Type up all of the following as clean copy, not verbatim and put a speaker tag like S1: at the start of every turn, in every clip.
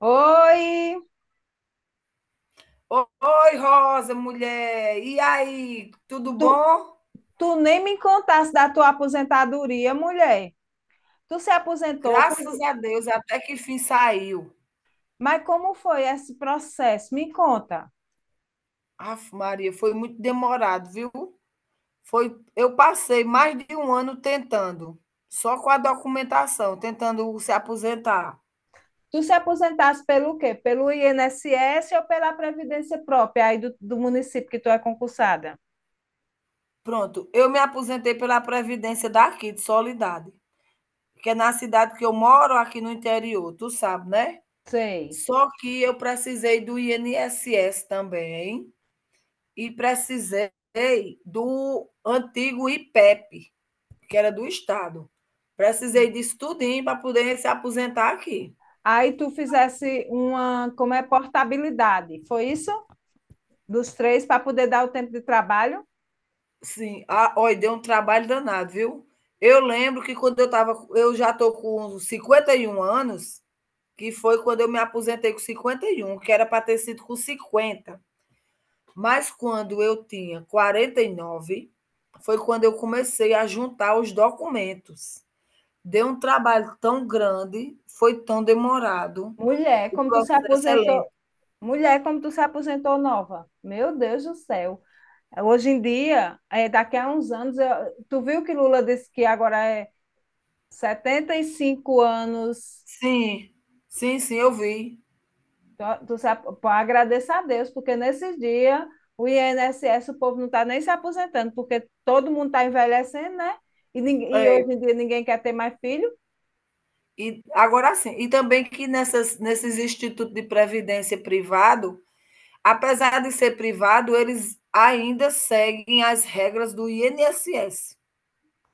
S1: Oi,
S2: Oi, Rosa, mulher. E aí, tudo
S1: tu,
S2: bom?
S1: tu nem me contaste da tua aposentadoria, mulher. Tu se aposentou, foi...
S2: Graças a Deus, até que fim saiu.
S1: Mas como foi esse processo? Me conta.
S2: Aff, Maria, foi muito demorado, viu? Foi, eu passei mais de um ano tentando, só com a documentação, tentando se aposentar.
S1: Tu se aposentaste pelo quê? Pelo INSS ou pela Previdência própria aí do município que tu é concursada?
S2: Pronto, eu me aposentei pela Previdência daqui, de Solidade, que é na cidade que eu moro, aqui no interior, tu sabe, né?
S1: Sei.
S2: Só que eu precisei do INSS também, e precisei do antigo IPEP, que era do Estado. Precisei
S1: Sim.
S2: disso tudinho para poder se aposentar aqui.
S1: Aí tu fizesse uma, como é, portabilidade, foi isso? Dos três para poder dar o tempo de trabalho?
S2: Sim, ah, olha, deu um trabalho danado, viu? Eu lembro que quando eu já estou com 51 anos, que foi quando eu me aposentei com 51, que era para ter sido com 50. Mas quando eu tinha 49, foi quando eu comecei a juntar os documentos. Deu um trabalho tão grande, foi tão demorado,
S1: Mulher,
S2: o
S1: como tu se
S2: processo é lento.
S1: aposentou, mulher, como tu se aposentou nova. Meu Deus do céu. Hoje em dia, é, daqui a uns anos, tu viu que Lula disse que agora é 75 anos.
S2: Sim, sim, sim, eu vi.
S1: Tu se pô, agradeça a Deus, porque nesses dias o INSS, o povo não está nem se aposentando, porque todo mundo está envelhecendo, né? E, e
S2: É,
S1: hoje em dia ninguém quer ter mais filho.
S2: e agora sim, e também que nessas nesses institutos de previdência privado, apesar de ser privado, eles ainda seguem as regras do INSS.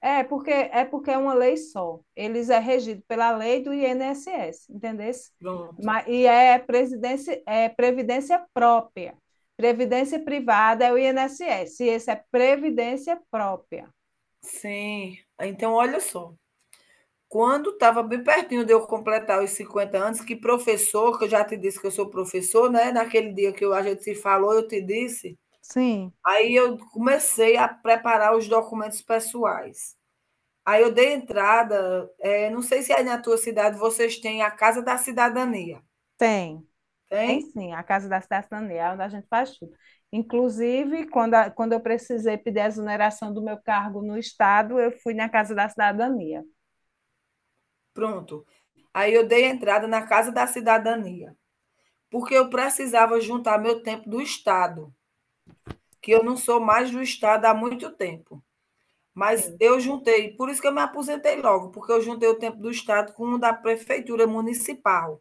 S1: É porque é porque é uma lei só. Eles é regido pela lei do INSS, entendeu?
S2: Pronto.
S1: Mas, e é, presidência, é previdência própria. Previdência privada é o INSS, e esse é previdência própria.
S2: Sim. Então, olha só, quando estava bem pertinho de eu completar os 50 anos, que professor, que eu já te disse que eu sou professor, né? Naquele dia que eu, a gente se falou, eu te disse.
S1: Sim,
S2: Aí eu comecei a preparar os documentos pessoais. Aí eu dei entrada, não sei se aí na tua cidade vocês têm a Casa da Cidadania,
S1: tem. Tem
S2: tem?
S1: sim, a Casa da Cidade Cidadania, é onde a gente faz tudo. Inclusive, quando, quando eu precisei pedir a exoneração do meu cargo no Estado, eu fui na Casa da Cidadania.
S2: Pronto. Aí eu dei entrada na Casa da Cidadania, porque eu precisava juntar meu tempo do Estado, que eu não sou mais do Estado há muito tempo. Mas
S1: Sim.
S2: eu juntei, por isso que eu me aposentei logo, porque eu juntei o tempo do Estado com o da prefeitura municipal.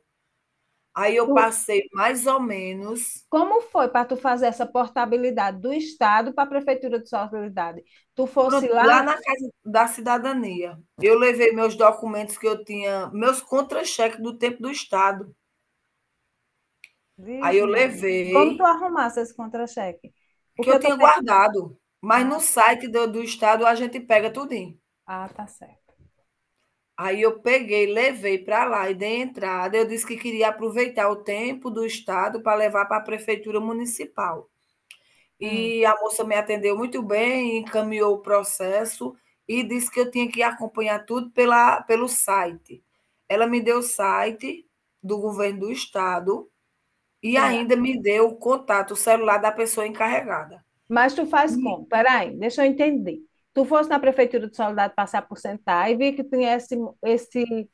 S2: Aí eu
S1: Tu-
S2: passei mais ou menos.
S1: Como foi para tu fazer essa portabilidade do Estado para a Prefeitura de Solidariedade? Tu fosse
S2: Pronto,
S1: lá,
S2: lá na Casa da Cidadania, eu levei meus documentos que eu tinha, meus contra-cheques do tempo do Estado. Aí
S1: diz,
S2: eu
S1: Maria, como tu
S2: levei,
S1: arrumasse esse contra-cheque?
S2: que
S1: Porque
S2: eu
S1: eu tô...
S2: tinha guardado, mas
S1: Ah,
S2: no site do Estado a gente pega tudinho.
S1: ah, tá certo.
S2: Aí eu peguei, levei para lá e dei entrada. Eu disse que queria aproveitar o tempo do Estado para levar para a prefeitura municipal.
S1: Hum.
S2: E a moça me atendeu muito bem, encaminhou o processo e disse que eu tinha que acompanhar tudo pela pelo site. Ela me deu o site do governo do estado e
S1: Sim.
S2: ainda me deu o contato, o celular da pessoa encarregada.
S1: Mas tu faz
S2: E
S1: como? Peraí, deixa eu entender. Tu fosse na Prefeitura de Soledade passar por sentar e vi que tinha esse, esse,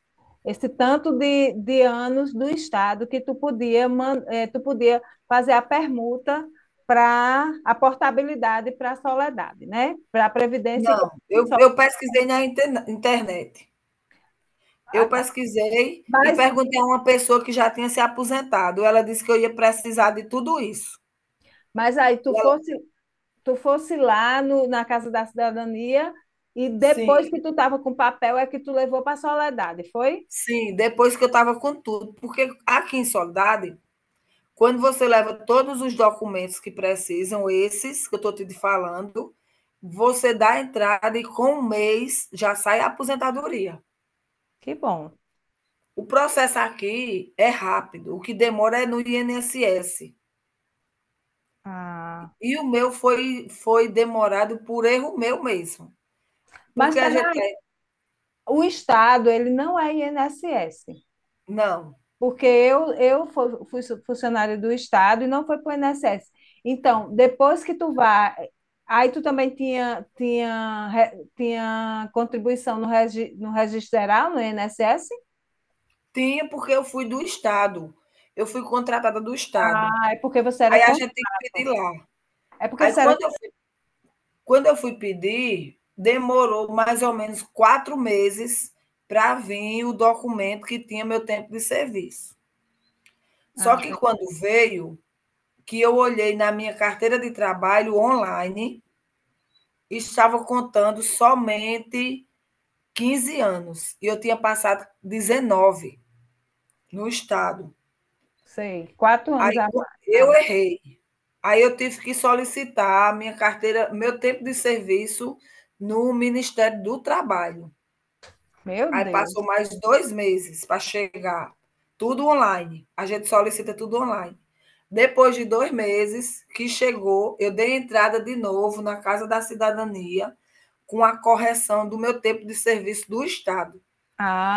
S1: esse tanto de anos do Estado que tu podia, tu podia fazer a permuta para a portabilidade para a Soledade, né? Para a Previdência que
S2: não,
S1: é
S2: eu
S1: só.
S2: eu pesquisei na interna internet.
S1: Ah,
S2: Eu
S1: tá.
S2: pesquisei e
S1: Mas,
S2: perguntei a uma pessoa que já tinha se aposentado, ela disse que eu ia precisar de tudo isso.
S1: mas aí
S2: E ela
S1: tu fosse lá no, na Casa da Cidadania e depois
S2: sim,
S1: que tu estava com o papel é que tu levou para a Soledade, foi?
S2: sim, depois que eu estava com tudo, porque aqui em Soledade, quando você leva todos os documentos que precisam, esses que eu estou te falando, você dá a entrada e com um mês já sai a aposentadoria.
S1: Que bom.
S2: O processo aqui é rápido, o que demora é no INSS.
S1: Ah.
S2: E o meu foi demorado por erro meu mesmo.
S1: Mas
S2: Porque a gente.
S1: peraí, o Estado, ele não é INSS,
S2: Não,
S1: porque eu fui funcionária do Estado e não foi para o INSS. Então, depois que tu vai aí tu também tinha, tinha, tinha contribuição no, regi, no registral, no INSS?
S2: tinha porque eu fui do Estado. Eu fui contratada do Estado.
S1: Ah, é porque você era
S2: Aí a
S1: contra.
S2: gente tem que pedir lá.
S1: É porque
S2: Aí
S1: você era.
S2: quando eu Quando eu fui pedir, demorou mais ou menos 4 meses para vir o documento que tinha meu tempo de serviço. Só
S1: Ah,
S2: que quando veio, que eu olhei na minha carteira de trabalho online, estava contando somente 15 anos e eu tinha passado 19 no estado.
S1: sei, 4 anos
S2: Aí
S1: a mais. A
S2: eu
S1: mais.
S2: errei. Aí eu tive que solicitar a minha carteira, meu tempo de serviço no Ministério do Trabalho.
S1: Meu
S2: Aí
S1: Deus.
S2: passou mais 2 meses para chegar, tudo online. A gente solicita tudo online. Depois de 2 meses que chegou, eu dei entrada de novo na Casa da Cidadania com a correção do meu tempo de serviço do Estado,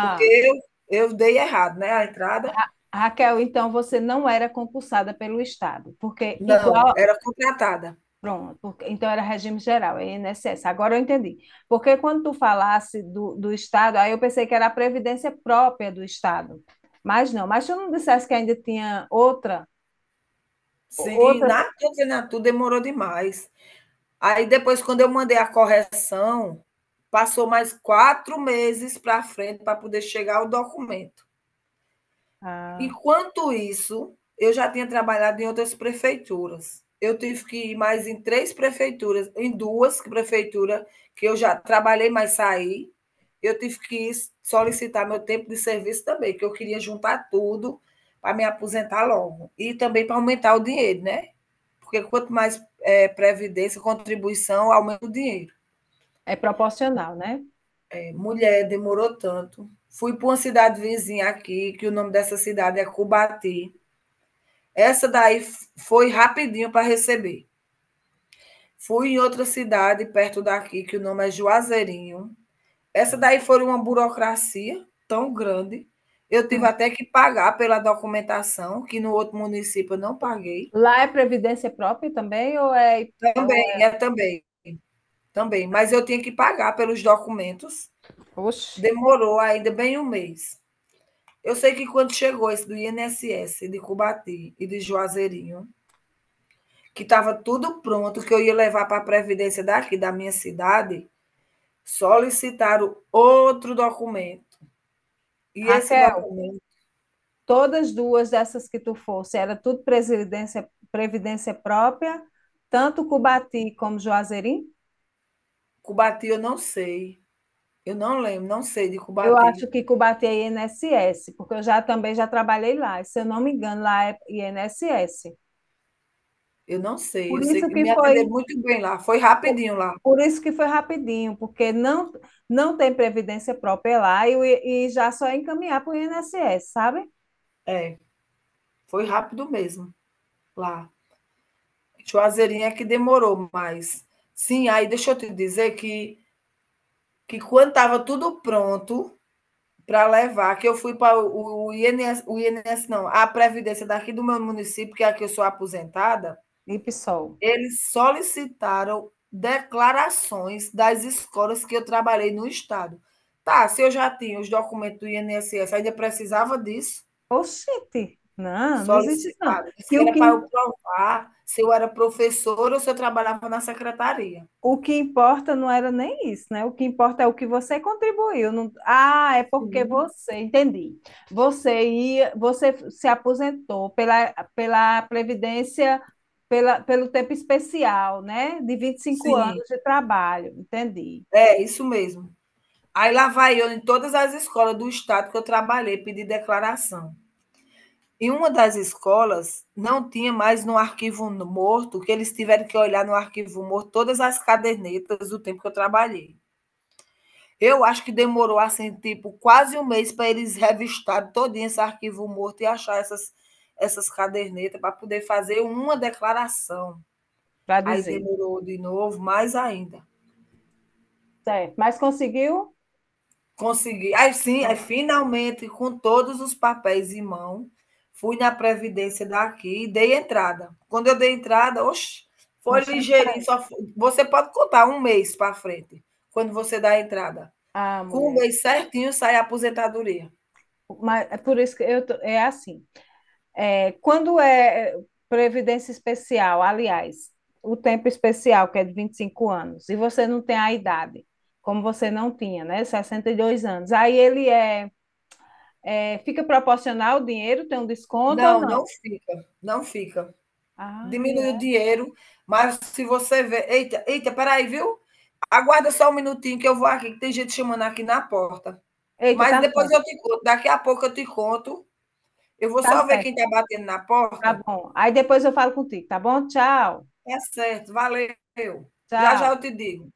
S2: porque eu dei errado, né? A entrada,
S1: Raquel, então você não era concursada pelo Estado, porque
S2: não,
S1: igual.
S2: era contratada.
S1: Pronto, porque- então era regime geral, é INSS. Agora eu entendi. Porque quando tu falasse do Estado, aí eu pensei que era a previdência própria do Estado. Mas não, mas tu não dissesse que ainda tinha outra,
S2: Sim,
S1: outra.
S2: na candidatura demorou demais. Aí depois, quando eu mandei a correção, passou mais 4 meses para frente para poder chegar o documento.
S1: Ah.
S2: Enquanto isso, eu já tinha trabalhado em outras prefeituras. Eu tive que ir mais em 3 prefeituras, em 2 prefeituras que eu já trabalhei, mas saí. Eu tive que solicitar meu tempo de serviço também, que eu queria juntar tudo para me aposentar logo. E também para aumentar o dinheiro, né? Porque quanto mais é, previdência, contribuição, aumenta o dinheiro.
S1: É proporcional, né?
S2: É, mulher, demorou tanto. Fui para uma cidade vizinha aqui, que o nome dessa cidade é Cubati. Essa daí foi rapidinho para receber. Fui em outra cidade perto daqui, que o nome é Juazeirinho. Essa daí foi uma burocracia tão grande. Eu tive até que pagar pela documentação, que no outro município eu não paguei.
S1: Lá é previdência própria também ou é, ou é...
S2: Também, é também, também. Mas eu tinha que pagar pelos documentos.
S1: Oxe.
S2: Demorou ainda bem um mês. Eu sei que quando chegou esse do INSS, de Cubati e de Juazeirinho, que estava tudo pronto, que eu ia levar para a Previdência daqui, da minha cidade, solicitaram outro documento. E esse
S1: Raquel,
S2: documento,
S1: todas duas dessas que tu fosse, era tudo previdência, previdência própria, tanto Cubati como Juazeirinho?
S2: Cubati, eu não sei. Eu não lembro, não sei de
S1: Eu acho
S2: Cubati.
S1: que Cubati é INSS, porque eu já também já trabalhei lá, e se eu não me engano, lá é INSS.
S2: Eu não sei.
S1: Por
S2: Eu sei
S1: isso
S2: que
S1: que
S2: me
S1: foi,
S2: atenderam muito bem lá. Foi
S1: por,
S2: rapidinho lá.
S1: por isso que foi rapidinho, porque não não tem previdência própria lá e, e já só é encaminhar para o INSS, sabe?
S2: É, foi rápido mesmo lá. Juazeirinha é que demorou mais. Sim, aí deixa eu te dizer que quando estava tudo pronto para levar, que eu fui para o INS, o INS, não, a Previdência daqui do meu município, que é aqui eu sou aposentada.
S1: E PSOL.
S2: Eles solicitaram declarações das escolas que eu trabalhei no estado. Tá, se eu já tinha os documentos do INSS, ainda precisava disso?
S1: Oxente, não, não existe isso não.
S2: Solicitaram. Disse
S1: Que
S2: que
S1: o
S2: era
S1: que,
S2: para eu provar se eu era professora ou se eu trabalhava na secretaria.
S1: o que importa não era nem isso, né? O que importa é o que você contribuiu. Ah, é porque
S2: Sim.
S1: você, entendi. Você ia, você se aposentou pela, pela Previdência, pela, pelo tempo especial, né? De 25
S2: Sim,
S1: anos de trabalho, entendi,
S2: é isso mesmo. Aí lá vai eu em todas as escolas do estado que eu trabalhei, pedir declaração. E uma das escolas não tinha mais no arquivo morto, que eles tiveram que olhar no arquivo morto todas as cadernetas do tempo que eu trabalhei. Eu acho que demorou assim, tipo, quase um mês para eles revistarem todo esse arquivo morto e achar essas cadernetas para poder fazer uma declaração.
S1: para
S2: Aí
S1: dizer.
S2: demorou de novo, mais ainda.
S1: Certo, mas conseguiu?
S2: Consegui. Aí sim, aí
S1: Pronto.
S2: finalmente, com todos os papéis em mão, fui na Previdência daqui e dei entrada. Quando eu dei entrada, oxe,
S1: Meu
S2: foi
S1: sangue
S2: ligeirinho.
S1: saiu.
S2: Só foi- Você pode contar um mês para frente, quando você dá a entrada.
S1: Ah,
S2: Com um
S1: mulher,
S2: mês certinho sai a aposentadoria.
S1: mas é por isso que eu é assim. É, quando é é, previdência especial, aliás, o tempo especial, que é de 25 anos, e você não tem a idade, como você não tinha, né? 62 anos. Aí ele é, é fica proporcional o dinheiro, tem um desconto ou
S2: Não, não
S1: não?
S2: fica, não fica.
S1: Ah,
S2: Diminui o
S1: é.
S2: dinheiro, mas se você vê. Eita, eita, peraí, viu? Aguarda só um minutinho que eu vou aqui, que tem gente chamando aqui na porta.
S1: Eita,
S2: Mas
S1: tá
S2: depois
S1: certo,
S2: eu te conto, daqui a pouco eu te conto. Eu vou
S1: tá
S2: só ver
S1: certo,
S2: quem está batendo na
S1: tá
S2: porta.
S1: bom. Aí depois eu falo contigo, tá bom? Tchau,
S2: É certo, valeu. Já já
S1: tchau.
S2: eu te digo.